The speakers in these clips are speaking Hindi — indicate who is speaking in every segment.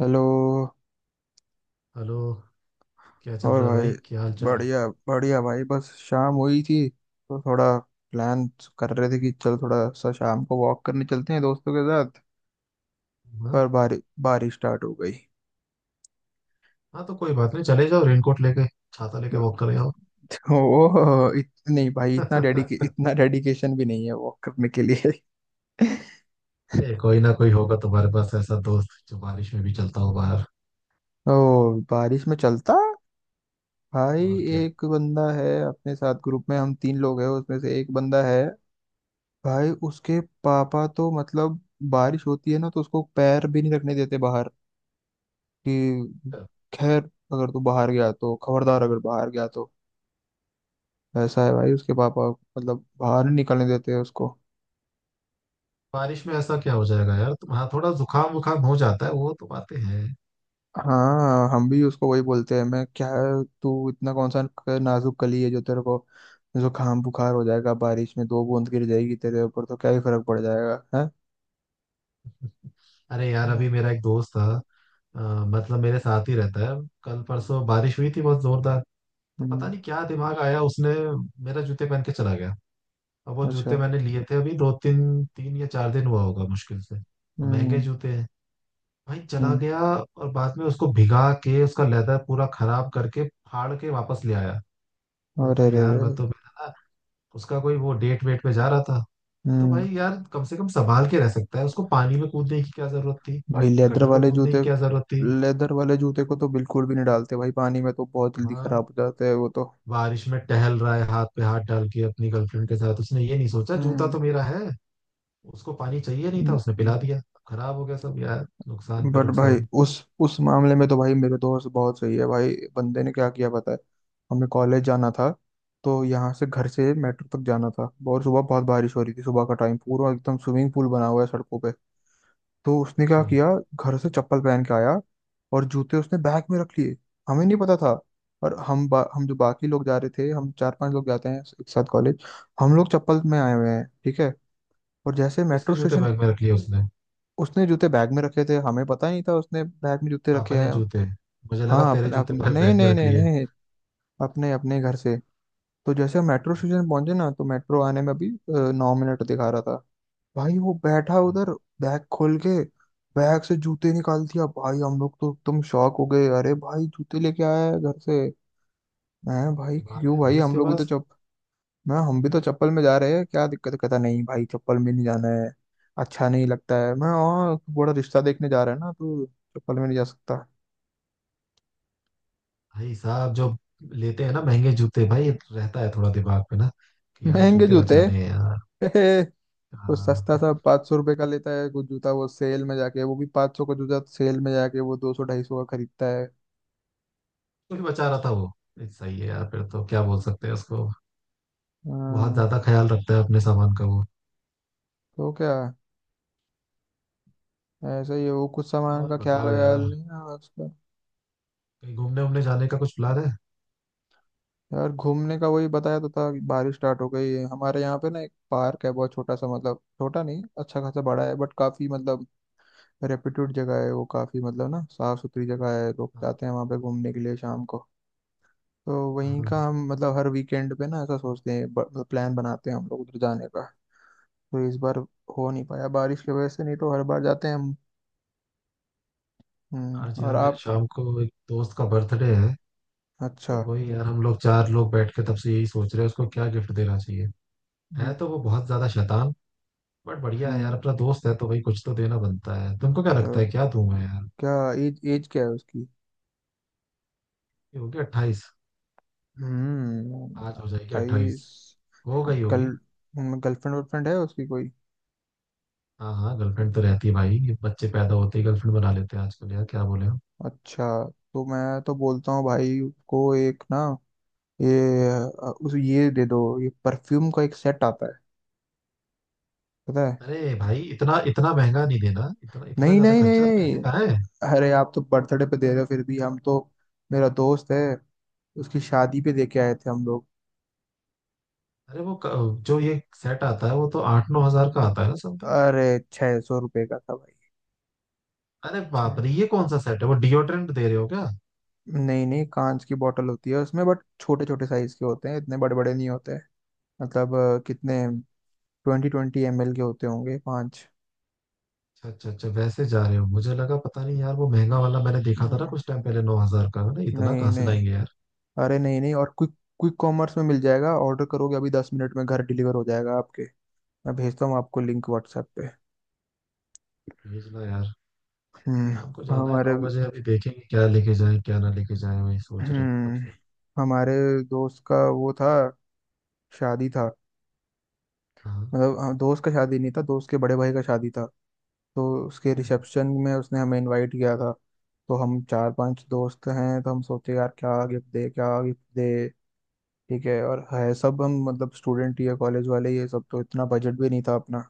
Speaker 1: हेलो।
Speaker 2: हेलो। क्या चल
Speaker 1: और
Speaker 2: रहा है
Speaker 1: भाई,
Speaker 2: भाई, क्या हाल चाल।
Speaker 1: बढ़िया। बढ़िया भाई, बस शाम हुई थी तो थोड़ा प्लान कर रहे थे कि चल थोड़ा सा शाम को वॉक करने चलते हैं दोस्तों के साथ।
Speaker 2: हाँ,
Speaker 1: पर बारिश स्टार्ट हो गई
Speaker 2: हाँ तो कोई बात नहीं, चले जाओ रेनकोट लेके, छाता लेके वॉक कर आओ।
Speaker 1: तो नहीं भाई, इतना डेडिके इतना डेडिकेशन भी नहीं है वॉक करने के लिए।
Speaker 2: ये कोई ना कोई होगा तुम्हारे पास ऐसा दोस्त जो बारिश में भी चलता हो बाहर।
Speaker 1: ओ, बारिश में चलता भाई?
Speaker 2: और क्या,
Speaker 1: एक बंदा है अपने साथ, ग्रुप में हम 3 लोग हैं, उसमें से एक बंदा है भाई, उसके पापा तो मतलब बारिश होती है ना तो उसको पैर भी नहीं रखने देते बाहर कि खैर अगर तू बाहर गया तो खबरदार, अगर बाहर गया तो। ऐसा है भाई उसके पापा, मतलब बाहर नहीं निकलने देते हैं उसको।
Speaker 2: बारिश में ऐसा क्या हो जाएगा यार तुम, हाँ थोड़ा जुकाम वुकाम हो जाता है, वो तो बातें हैं।
Speaker 1: हाँ, हम भी उसको वही बोलते हैं, मैं क्या है तू इतना कौन सा नाजुक कली है जो तेरे को जुकाम बुखार हो जाएगा? बारिश में 2 बूंद गिर जाएगी तेरे ऊपर तो क्या ही फर्क पड़ जाएगा है?
Speaker 2: अरे यार
Speaker 1: तो
Speaker 2: अभी मेरा एक दोस्त था, मतलब मेरे साथ ही रहता है। कल परसों बारिश हुई थी बहुत जोरदार। तो पता
Speaker 1: हम्म।
Speaker 2: नहीं क्या दिमाग आया उसने, मेरा जूते पहन के चला गया। अब वो
Speaker 1: अच्छा।
Speaker 2: जूते मैंने लिए थे अभी दो तीन तीन या चार दिन हुआ होगा मुश्किल से, और महंगे
Speaker 1: हम्म।
Speaker 2: जूते हैं भाई, चला
Speaker 1: हम्म।
Speaker 2: गया। और बाद में उसको भिगा के, उसका लेदर पूरा खराब करके, फाड़ के वापस ले आया। बोलता
Speaker 1: अरे
Speaker 2: है
Speaker 1: रे
Speaker 2: यार
Speaker 1: रे।
Speaker 2: मैं तो, मेरा ना उसका कोई वो डेट वेट पे जा रहा था। तो
Speaker 1: हम्म।
Speaker 2: भाई यार कम से कम संभाल के रह सकता है, उसको पानी में कूदने की क्या जरूरत थी,
Speaker 1: भाई लेदर
Speaker 2: गटर में
Speaker 1: वाले
Speaker 2: कूदने की
Speaker 1: जूते,
Speaker 2: क्या जरूरत थी।
Speaker 1: लेदर वाले जूते को तो बिल्कुल भी नहीं डालते भाई पानी में, तो बहुत जल्दी
Speaker 2: हाँ,
Speaker 1: खराब हो जाते हैं वो तो।
Speaker 2: बारिश में टहल रहा है हाथ पे हाथ डाल के अपनी गर्लफ्रेंड के साथ, उसने ये नहीं सोचा जूता
Speaker 1: हम्म।
Speaker 2: तो मेरा है। उसको पानी चाहिए नहीं था, उसने पिला दिया। खराब हो गया सब यार, नुकसान पे
Speaker 1: बट भाई
Speaker 2: नुकसान।
Speaker 1: उस उस मामले में तो भाई मेरे दोस्त बहुत सही है, भाई बंदे ने क्या किया पता है? हमें कॉलेज जाना था, तो यहाँ से घर से मेट्रो तक जाना था, बहुत सुबह बहुत बारिश हो रही थी, सुबह का टाइम पूरा एकदम स्विमिंग पूल बना हुआ है सड़कों पे। तो उसने क्या
Speaker 2: अच्छा,
Speaker 1: किया, घर से चप्पल पहन के आया और जूते उसने बैग में रख लिए। हमें नहीं पता था, और हम जो बाकी लोग जा रहे थे, हम 4-5 लोग जाते हैं एक साथ कॉलेज, हम लोग चप्पल में आए हुए हैं, ठीक है। और जैसे
Speaker 2: किसके
Speaker 1: मेट्रो
Speaker 2: जूते
Speaker 1: स्टेशन,
Speaker 2: बैग में रख लिए उसने,
Speaker 1: उसने जूते बैग में रखे थे, हमें पता ही नहीं था उसने बैग में जूते रखे
Speaker 2: अपने
Speaker 1: हैं।
Speaker 2: जूते? मुझे लगा
Speaker 1: हाँ,
Speaker 2: तेरे
Speaker 1: अपने
Speaker 2: जूते
Speaker 1: अपने, नहीं
Speaker 2: बैग में
Speaker 1: नहीं
Speaker 2: रख
Speaker 1: नहीं
Speaker 2: लिए।
Speaker 1: नहीं, अपने अपने घर से। तो जैसे हम मेट्रो स्टेशन पहुंचे ना, तो मेट्रो आने में अभी 9 मिनट दिखा रहा था। भाई वो बैठा
Speaker 2: अच्छा,
Speaker 1: उधर बैग खोल के बैग से जूते निकाल दिया, भाई हम लोग तो एकदम शॉक हो गए, अरे भाई जूते लेके आया है घर से। मैं भाई,
Speaker 2: दिमाग
Speaker 1: क्यों
Speaker 2: है
Speaker 1: भाई,
Speaker 2: भाई
Speaker 1: हम
Speaker 2: उसके
Speaker 1: लोग भी तो
Speaker 2: पास।
Speaker 1: चप मैं हम भी तो चप्पल में जा रहे हैं, क्या दिक्कत है?" कहता नहीं भाई, चप्पल में नहीं जाना है, अच्छा नहीं लगता है, मैं और बड़ा रिश्ता देखने जा रहा है ना तो चप्पल में नहीं जा सकता।
Speaker 2: भाई साहब जो लेते हैं ना महंगे जूते, भाई रहता है थोड़ा दिमाग पे ना, कि यार
Speaker 1: महंगे
Speaker 2: जूते
Speaker 1: जूते।
Speaker 2: बचाने हैं यार।
Speaker 1: वो
Speaker 2: हाँ।
Speaker 1: सस्ता सा 500 रुपये का लेता है कुछ जूता, वो सेल में जाके, वो भी 500 का जूता सेल में जाके वो 200-250 का खरीदता है।
Speaker 2: कुछ बचा रहा था वो, ये सही है यार, फिर तो क्या बोल सकते हैं उसको। बहुत
Speaker 1: हाँ।
Speaker 2: ज्यादा ख्याल रखता है अपने सामान का वो।
Speaker 1: तो क्या, ऐसा ही है वो, कुछ सामान
Speaker 2: और
Speaker 1: का ख्याल
Speaker 2: बताओ
Speaker 1: व्याल
Speaker 2: यार,
Speaker 1: नहीं है उसका।
Speaker 2: कहीं घूमने उमने जाने का कुछ प्लान है?
Speaker 1: यार घूमने का वही बताया तो था कि बारिश स्टार्ट हो गई है। हमारे यहाँ पे ना एक पार्क है बहुत छोटा सा, मतलब छोटा नहीं, अच्छा खासा बड़ा है, बट काफी मतलब रेप्यूटेड जगह है वो, काफी मतलब ना साफ सुथरी जगह है, लोग जाते हैं वहाँ पे घूमने के लिए शाम को। तो वहीं
Speaker 2: हाँ,
Speaker 1: का हम मतलब हर वीकेंड पे ना ऐसा सोचते हैं, प्लान बनाते हैं हम लोग उधर जाने का। तो इस बार हो नहीं पाया बारिश की वजह से, नहीं तो हर बार जाते हैं हम।
Speaker 2: आज
Speaker 1: हम्म,
Speaker 2: यार
Speaker 1: और
Speaker 2: मेरे
Speaker 1: आप?
Speaker 2: शाम को एक दोस्त का बर्थडे है।
Speaker 1: अच्छा।
Speaker 2: तो वही यार हम लोग चार लोग बैठ के तब से यही सोच रहे हैं उसको क्या गिफ्ट देना चाहिए। है
Speaker 1: हम्म।
Speaker 2: तो वो बहुत ज्यादा शैतान, बट बढ़िया है यार,
Speaker 1: हम्म।
Speaker 2: अपना दोस्त है तो भाई कुछ तो देना बनता है। तुमको क्या लगता
Speaker 1: तो
Speaker 2: है क्या दूं मैं यार।
Speaker 1: क्या एज एज क्या है उसकी?
Speaker 2: ये होगी 28,
Speaker 1: हम्म,
Speaker 2: आज हो जाएगी 28,
Speaker 1: 28।
Speaker 2: हो गई
Speaker 1: गर्ल
Speaker 2: होगी।
Speaker 1: गर्लफ्रेंड वर्लफ्रेंड है उसकी कोई?
Speaker 2: हाँ हाँ, गर्लफ्रेंड तो रहती है भाई, ये बच्चे पैदा होते ही गर्लफ्रेंड बना लेते हैं आजकल यार, क्या बोले हो।
Speaker 1: अच्छा। तो मैं तो बोलता हूँ भाई उसको एक ना ये अ, उस ये दे दो, ये परफ्यूम का एक सेट आता है पता है।
Speaker 2: अरे भाई इतना इतना महंगा नहीं देना, इतना इतना
Speaker 1: नहीं
Speaker 2: ज्यादा
Speaker 1: नहीं नहीं
Speaker 2: खर्चा,
Speaker 1: नहीं,
Speaker 2: पैसे कहाँ है।
Speaker 1: अरे आप तो बर्थडे पे दे रहे हो, फिर भी हम तो, मेरा दोस्त है उसकी शादी पे दे के आए थे हम लोग।
Speaker 2: अरे वो जो ये सेट आता है वो तो 8-9 हजार का आता है ना समथिंग।
Speaker 1: अरे, 600 रुपये का था
Speaker 2: अरे बाप
Speaker 1: भाई।
Speaker 2: रे, ये कौन सा सेट है, वो डिओड्रेंट दे रहे हो क्या?
Speaker 1: नहीं नहीं, कांच की बोतल होती है उसमें, बट छोटे छोटे साइज के होते हैं, इतने बड़े बड़े नहीं होते। मतलब कितने, ट्वेंटी ट्वेंटी एम एल के होते होंगे, पाँच।
Speaker 2: अच्छा अच्छा अच्छा, वैसे जा रहे हो। मुझे लगा पता नहीं यार, वो महंगा वाला मैंने देखा था ना
Speaker 1: हम्म,
Speaker 2: कुछ टाइम पहले 9 हजार का, मैंने इतना
Speaker 1: नहीं
Speaker 2: कहाँ से
Speaker 1: नहीं।
Speaker 2: लाएंगे यार।
Speaker 1: अरे नहीं नहीं, और क्विक क्विक कॉमर्स में मिल जाएगा, ऑर्डर करोगे अभी, 10 मिनट में घर डिलीवर हो जाएगा आपके। मैं भेजता हूँ आपको लिंक व्हाट्सएप पे।
Speaker 2: भेजना यार।
Speaker 1: हम्म।
Speaker 2: शाम को जाना है
Speaker 1: हमारे,
Speaker 2: 9 बजे, अभी देखेंगे क्या लेके जाए क्या ना लेके जाए, वही सोच रहे थे तब
Speaker 1: हम्म,
Speaker 2: से।
Speaker 1: हमारे दोस्त का वो था, शादी था,
Speaker 2: हाँ।
Speaker 1: मतलब हाँ, दोस्त का शादी नहीं था, दोस्त के बड़े भाई का शादी था। तो उसके
Speaker 2: हम्म,
Speaker 1: रिसेप्शन में उसने हमें इनवाइट किया था, तो हम 4-5 दोस्त हैं, तो हम सोचे यार क्या गिफ्ट दे, क्या गिफ्ट दे, ठीक है, और है सब हम मतलब स्टूडेंट ही है कॉलेज वाले ये सब, तो इतना बजट भी नहीं था अपना।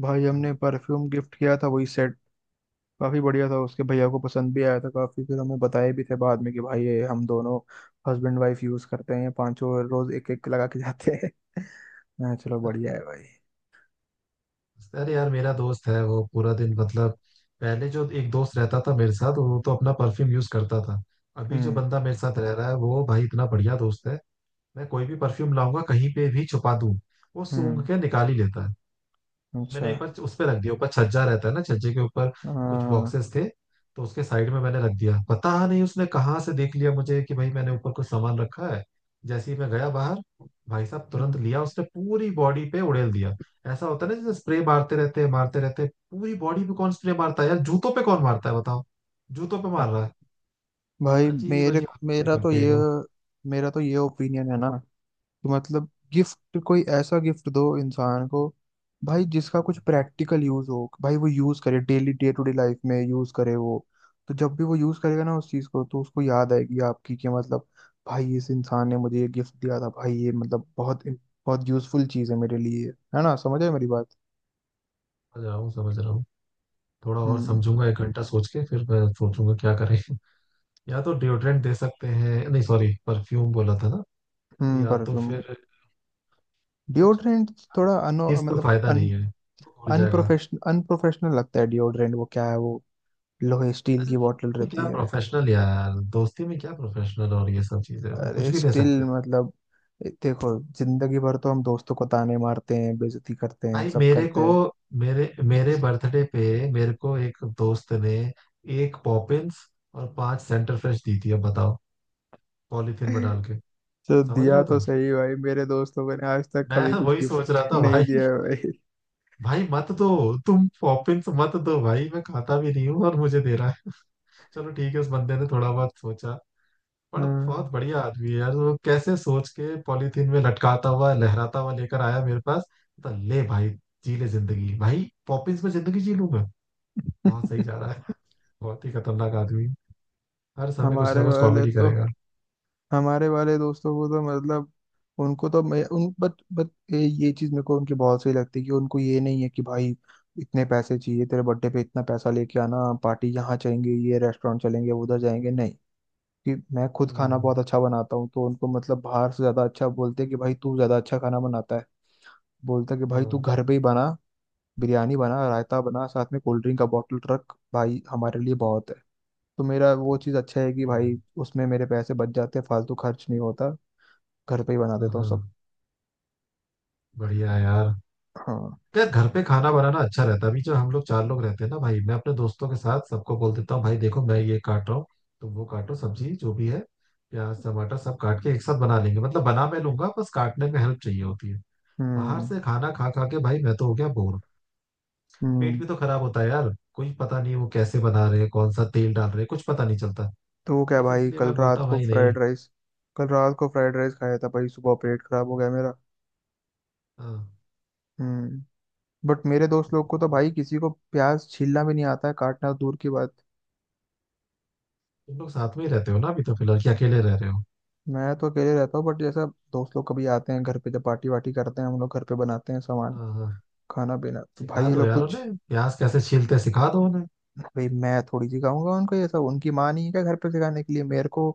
Speaker 1: भाई हमने
Speaker 2: हाँ।
Speaker 1: परफ्यूम गिफ्ट किया था, वही सेट, काफी बढ़िया था, उसके भैया को पसंद भी आया था काफी, फिर हमें बताए भी थे बाद में कि भाई ये हम दोनों हस्बैंड वाइफ यूज करते हैं, पांचों रोज एक एक लगा के जाते हैं। हाँ, चलो बढ़िया है भाई।
Speaker 2: अरे यार मेरा दोस्त है वो पूरा दिन मतलब, पहले जो एक दोस्त रहता था मेरे साथ वो तो अपना परफ्यूम यूज करता था। अभी जो
Speaker 1: हम्म।
Speaker 2: बंदा मेरे साथ रह रहा है वो भाई इतना बढ़िया दोस्त है, मैं कोई भी परफ्यूम लाऊंगा कहीं पे भी छुपा दूं, वो सूंघ
Speaker 1: हम्म।
Speaker 2: के निकाल ही लेता है।
Speaker 1: अच्छा।
Speaker 2: मैंने एक बार उस पे रख दिया, ऊपर छज्जा रहता है ना, छज्जे के ऊपर कुछ
Speaker 1: हाँ।
Speaker 2: बॉक्सेस थे, तो उसके साइड में मैंने रख दिया। पता नहीं उसने कहाँ से देख लिया मुझे कि भाई मैंने ऊपर कुछ सामान रखा है। जैसे ही मैं गया बाहर, भाई साहब तुरंत
Speaker 1: हम्म।
Speaker 2: लिया उसने, पूरी बॉडी पे उड़ेल दिया। ऐसा होता है ना जैसे स्प्रे मारते रहते हैं पूरी बॉडी पे, कौन स्प्रे मारता है यार, जूतों पे कौन मारता है बताओ, जूतों पे मार रहा है।
Speaker 1: भाई
Speaker 2: अजीब
Speaker 1: मेरे
Speaker 2: अजीब हरकतें
Speaker 1: मेरा तो
Speaker 2: करते हैं ये
Speaker 1: ये
Speaker 2: लोग।
Speaker 1: मेरा तो ये ओपिनियन है ना, कि मतलब गिफ्ट कोई ऐसा गिफ्ट दो इंसान को भाई जिसका कुछ प्रैक्टिकल यूज हो, भाई वो यूज करे daily, day to day life में यूज करे वो। तो जब भी वो यूज करेगा ना उस चीज को तो उसको याद आएगी आपकी, कि मतलब भाई इस इंसान ने मुझे ये गिफ्ट दिया था, भाई ये मतलब बहुत बहुत यूजफुल चीज है मेरे लिए। है ना, समझ आए मेरी बात?
Speaker 2: समझ रहा हूँ समझ रहा हूँ, थोड़ा और
Speaker 1: हम्म।
Speaker 2: समझूंगा, एक घंटा सोच के फिर मैं सोचूंगा क्या करें। या तो डिओड्रेंट दे सकते हैं, नहीं सॉरी परफ्यूम बोला था ना,
Speaker 1: हम्म,
Speaker 2: या तो
Speaker 1: परफ्यूम,
Speaker 2: फिर कुछ,
Speaker 1: डिओड्रेंट, थोड़ा अनो
Speaker 2: चीज तो फायदा नहीं
Speaker 1: मतलब
Speaker 2: है, वो भूल जाएगा।
Speaker 1: अनप्रोफेशनल लगता है डिओड्रेंट। वो क्या है वो, लोहे स्टील
Speaker 2: अरे
Speaker 1: की बोतल
Speaker 2: दोस्ती में क्या
Speaker 1: रहती है।
Speaker 2: प्रोफेशनल यार, दोस्ती में क्या प्रोफेशनल, और ये सब चीजें कुछ
Speaker 1: अरे
Speaker 2: भी दे
Speaker 1: स्टील
Speaker 2: सकते हैं।
Speaker 1: मतलब, देखो जिंदगी भर तो हम दोस्तों को ताने मारते हैं, बेइज्जती करते हैं,
Speaker 2: भाई
Speaker 1: सब
Speaker 2: मेरे
Speaker 1: करते
Speaker 2: को,
Speaker 1: हैं।
Speaker 2: मेरे मेरे बर्थडे पे मेरे को एक दोस्त ने एक पॉपिंस और पांच सेंटर फ्रेश दी थी, अब बताओ, पॉलीथिन में डाल के।
Speaker 1: तो
Speaker 2: समझ रहे
Speaker 1: दिया
Speaker 2: हो
Speaker 1: तो
Speaker 2: तुम,
Speaker 1: सही, भाई मेरे दोस्तों ने आज तक
Speaker 2: मैं
Speaker 1: कभी कुछ
Speaker 2: वही सोच
Speaker 1: गिफ्ट
Speaker 2: रहा था
Speaker 1: नहीं
Speaker 2: भाई,
Speaker 1: दिया है भाई।
Speaker 2: भाई मत दो, तुम पॉपिंस मत दो भाई, मैं खाता भी नहीं हूँ और मुझे दे रहा है। चलो ठीक है, उस बंदे ने थोड़ा बहुत सोचा, पर
Speaker 1: हाँ।
Speaker 2: बहुत बढ़िया आदमी है यार, वो कैसे सोच के पॉलीथीन में लटकाता हुआ लहराता हुआ लेकर आया मेरे पास। तो ले भाई, जी ले जिंदगी, भाई पॉपिंस में जिंदगी जी लूं मैं। बहुत सही जा रहा है। बहुत ही खतरनाक आदमी, हर समय कुछ ना
Speaker 1: हमारे
Speaker 2: कुछ
Speaker 1: वाले
Speaker 2: कॉमेडी
Speaker 1: तो
Speaker 2: करेगा।
Speaker 1: हमारे वाले दोस्तों को तो मतलब, उनको तो मैं उन बट ये चीज मेरे को उनकी बहुत सही लगती है, कि उनको ये नहीं है कि भाई इतने पैसे चाहिए तेरे बर्थडे पे, इतना पैसा लेके आना, पार्टी यहाँ चलेंगे, ये रेस्टोरेंट चलेंगे, उधर जाएंगे, नहीं। कि मैं खुद खाना
Speaker 2: हम्म,
Speaker 1: बहुत अच्छा बनाता हूँ, तो उनको मतलब बाहर से ज्यादा अच्छा, बोलते हैं कि भाई तू ज्यादा अच्छा खाना बनाता है, बोलता है कि भाई तू
Speaker 2: हाँ
Speaker 1: घर पे ही बना, बिरयानी बना, रायता बना, साथ में कोल्ड ड्रिंक का बॉटल रख, भाई हमारे लिए बहुत है। तो मेरा वो चीज़ अच्छा है कि
Speaker 2: सही है।
Speaker 1: भाई, उसमें मेरे पैसे बच जाते हैं, फालतू खर्च नहीं होता, घर पे ही बना
Speaker 2: हाँ
Speaker 1: देता हूँ
Speaker 2: हाँ,
Speaker 1: सब।
Speaker 2: बढ़िया है यार।
Speaker 1: हाँ।
Speaker 2: यार घर पे खाना बनाना अच्छा रहता है। अभी जो हम लोग चार लोग रहते हैं ना भाई, मैं अपने दोस्तों के साथ सबको बोल देता हूँ भाई देखो मैं ये काट रहा हूँ, तुम वो काटो, सब्जी जो भी है, प्याज टमाटर सब काट के एक साथ बना लेंगे, मतलब बना मैं लूंगा बस काटने में हेल्प चाहिए होती है। बाहर
Speaker 1: हम्म।
Speaker 2: से खाना खा खा के भाई मैं तो हो गया बोर, पेट
Speaker 1: हम्म,
Speaker 2: भी तो खराब होता है यार। कोई पता नहीं वो कैसे बना रहे हैं, कौन सा तेल डाल रहे हैं, कुछ पता नहीं चलता।
Speaker 1: तो क्या
Speaker 2: बस
Speaker 1: भाई
Speaker 2: इसलिए
Speaker 1: कल
Speaker 2: मैं बोलता
Speaker 1: रात
Speaker 2: हूँ,
Speaker 1: को
Speaker 2: भाई नहीं।
Speaker 1: फ्राइड राइस कल रात को फ्राइड राइस खाया था भाई, सुबह पेट खराब हो गया मेरा।
Speaker 2: हाँ,
Speaker 1: हम्म। बट मेरे दोस्त लोग को तो भाई किसी को प्याज छीलना भी नहीं आता है, काटना दूर की बात।
Speaker 2: तुम लोग साथ में ही रहते हो ना अभी तो, फिलहाल कि अकेले रह रहे हो।
Speaker 1: मैं तो अकेले रहता हूँ, बट जैसा दोस्त लोग कभी आते हैं घर पे, जब पार्टी वार्टी करते हैं हम लोग, घर पे बनाते हैं सामान,
Speaker 2: हाँ हाँ,
Speaker 1: खाना पीना, तो भाई
Speaker 2: सिखा
Speaker 1: ये
Speaker 2: दो
Speaker 1: लोग
Speaker 2: यार
Speaker 1: कुछ।
Speaker 2: उन्हें प्याज कैसे छीलते हैं, सिखा दो उन्हें।
Speaker 1: भाई मैं थोड़ी सिखाऊंगा उनको ये सब, उनकी माँ नहीं है क्या घर पे सिखाने के लिए? मेरे को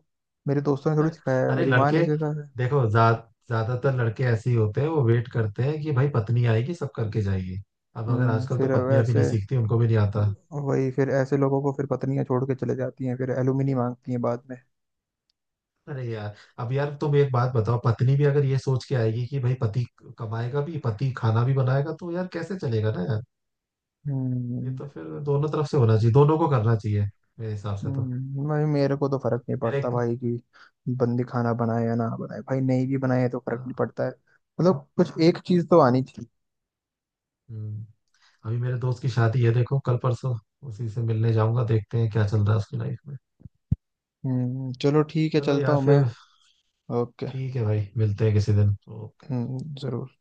Speaker 1: मेरे दोस्तों ने थोड़ी सिखाया है,
Speaker 2: अरे
Speaker 1: मेरी माँ
Speaker 2: लड़के,
Speaker 1: ने सिखाया है।
Speaker 2: देखो जा, ज्यादातर लड़के ऐसे ही होते हैं, वो वेट करते हैं कि भाई पत्नी आएगी सब करके जाएगी। अब अगर
Speaker 1: हम्म,
Speaker 2: आजकल तो
Speaker 1: फिर
Speaker 2: पत्नियां भी
Speaker 1: वैसे
Speaker 2: नहीं सीखती, उनको भी नहीं आता।
Speaker 1: वही फिर ऐसे लोगों को फिर पत्नियां छोड़ के चले जाती हैं, फिर एलुमनी मांगती हैं बाद में।
Speaker 2: अरे यार, अब यार तुम एक बात बताओ, पत्नी भी अगर ये सोच के आएगी कि भाई पति कमाएगा भी पति खाना भी बनाएगा तो यार कैसे चलेगा ना यार। ये
Speaker 1: हम्म।
Speaker 2: तो फिर दोनों तरफ से होना चाहिए, दोनों को करना चाहिए, मेरे हिसाब से तो।
Speaker 1: भाई मेरे को तो फर्क नहीं
Speaker 2: मेरे
Speaker 1: पड़ता
Speaker 2: एक,
Speaker 1: भाई, कि बंदी खाना बनाए या ना बनाए, भाई नहीं भी बनाए तो फर्क नहीं
Speaker 2: हाँ,
Speaker 1: पड़ता है। मतलब कुछ एक चीज तो आनी चाहिए।
Speaker 2: हम्म, अभी मेरे दोस्त की शादी है देखो कल परसों, उसी से मिलने जाऊंगा, देखते हैं क्या चल रहा है उसकी लाइफ में।
Speaker 1: हम्म, चलो ठीक है,
Speaker 2: चलो
Speaker 1: चलता
Speaker 2: यार
Speaker 1: हूँ मैं।
Speaker 2: फिर,
Speaker 1: ओके।
Speaker 2: ठीक है भाई, मिलते हैं किसी दिन तो।
Speaker 1: हम्म, जरूर।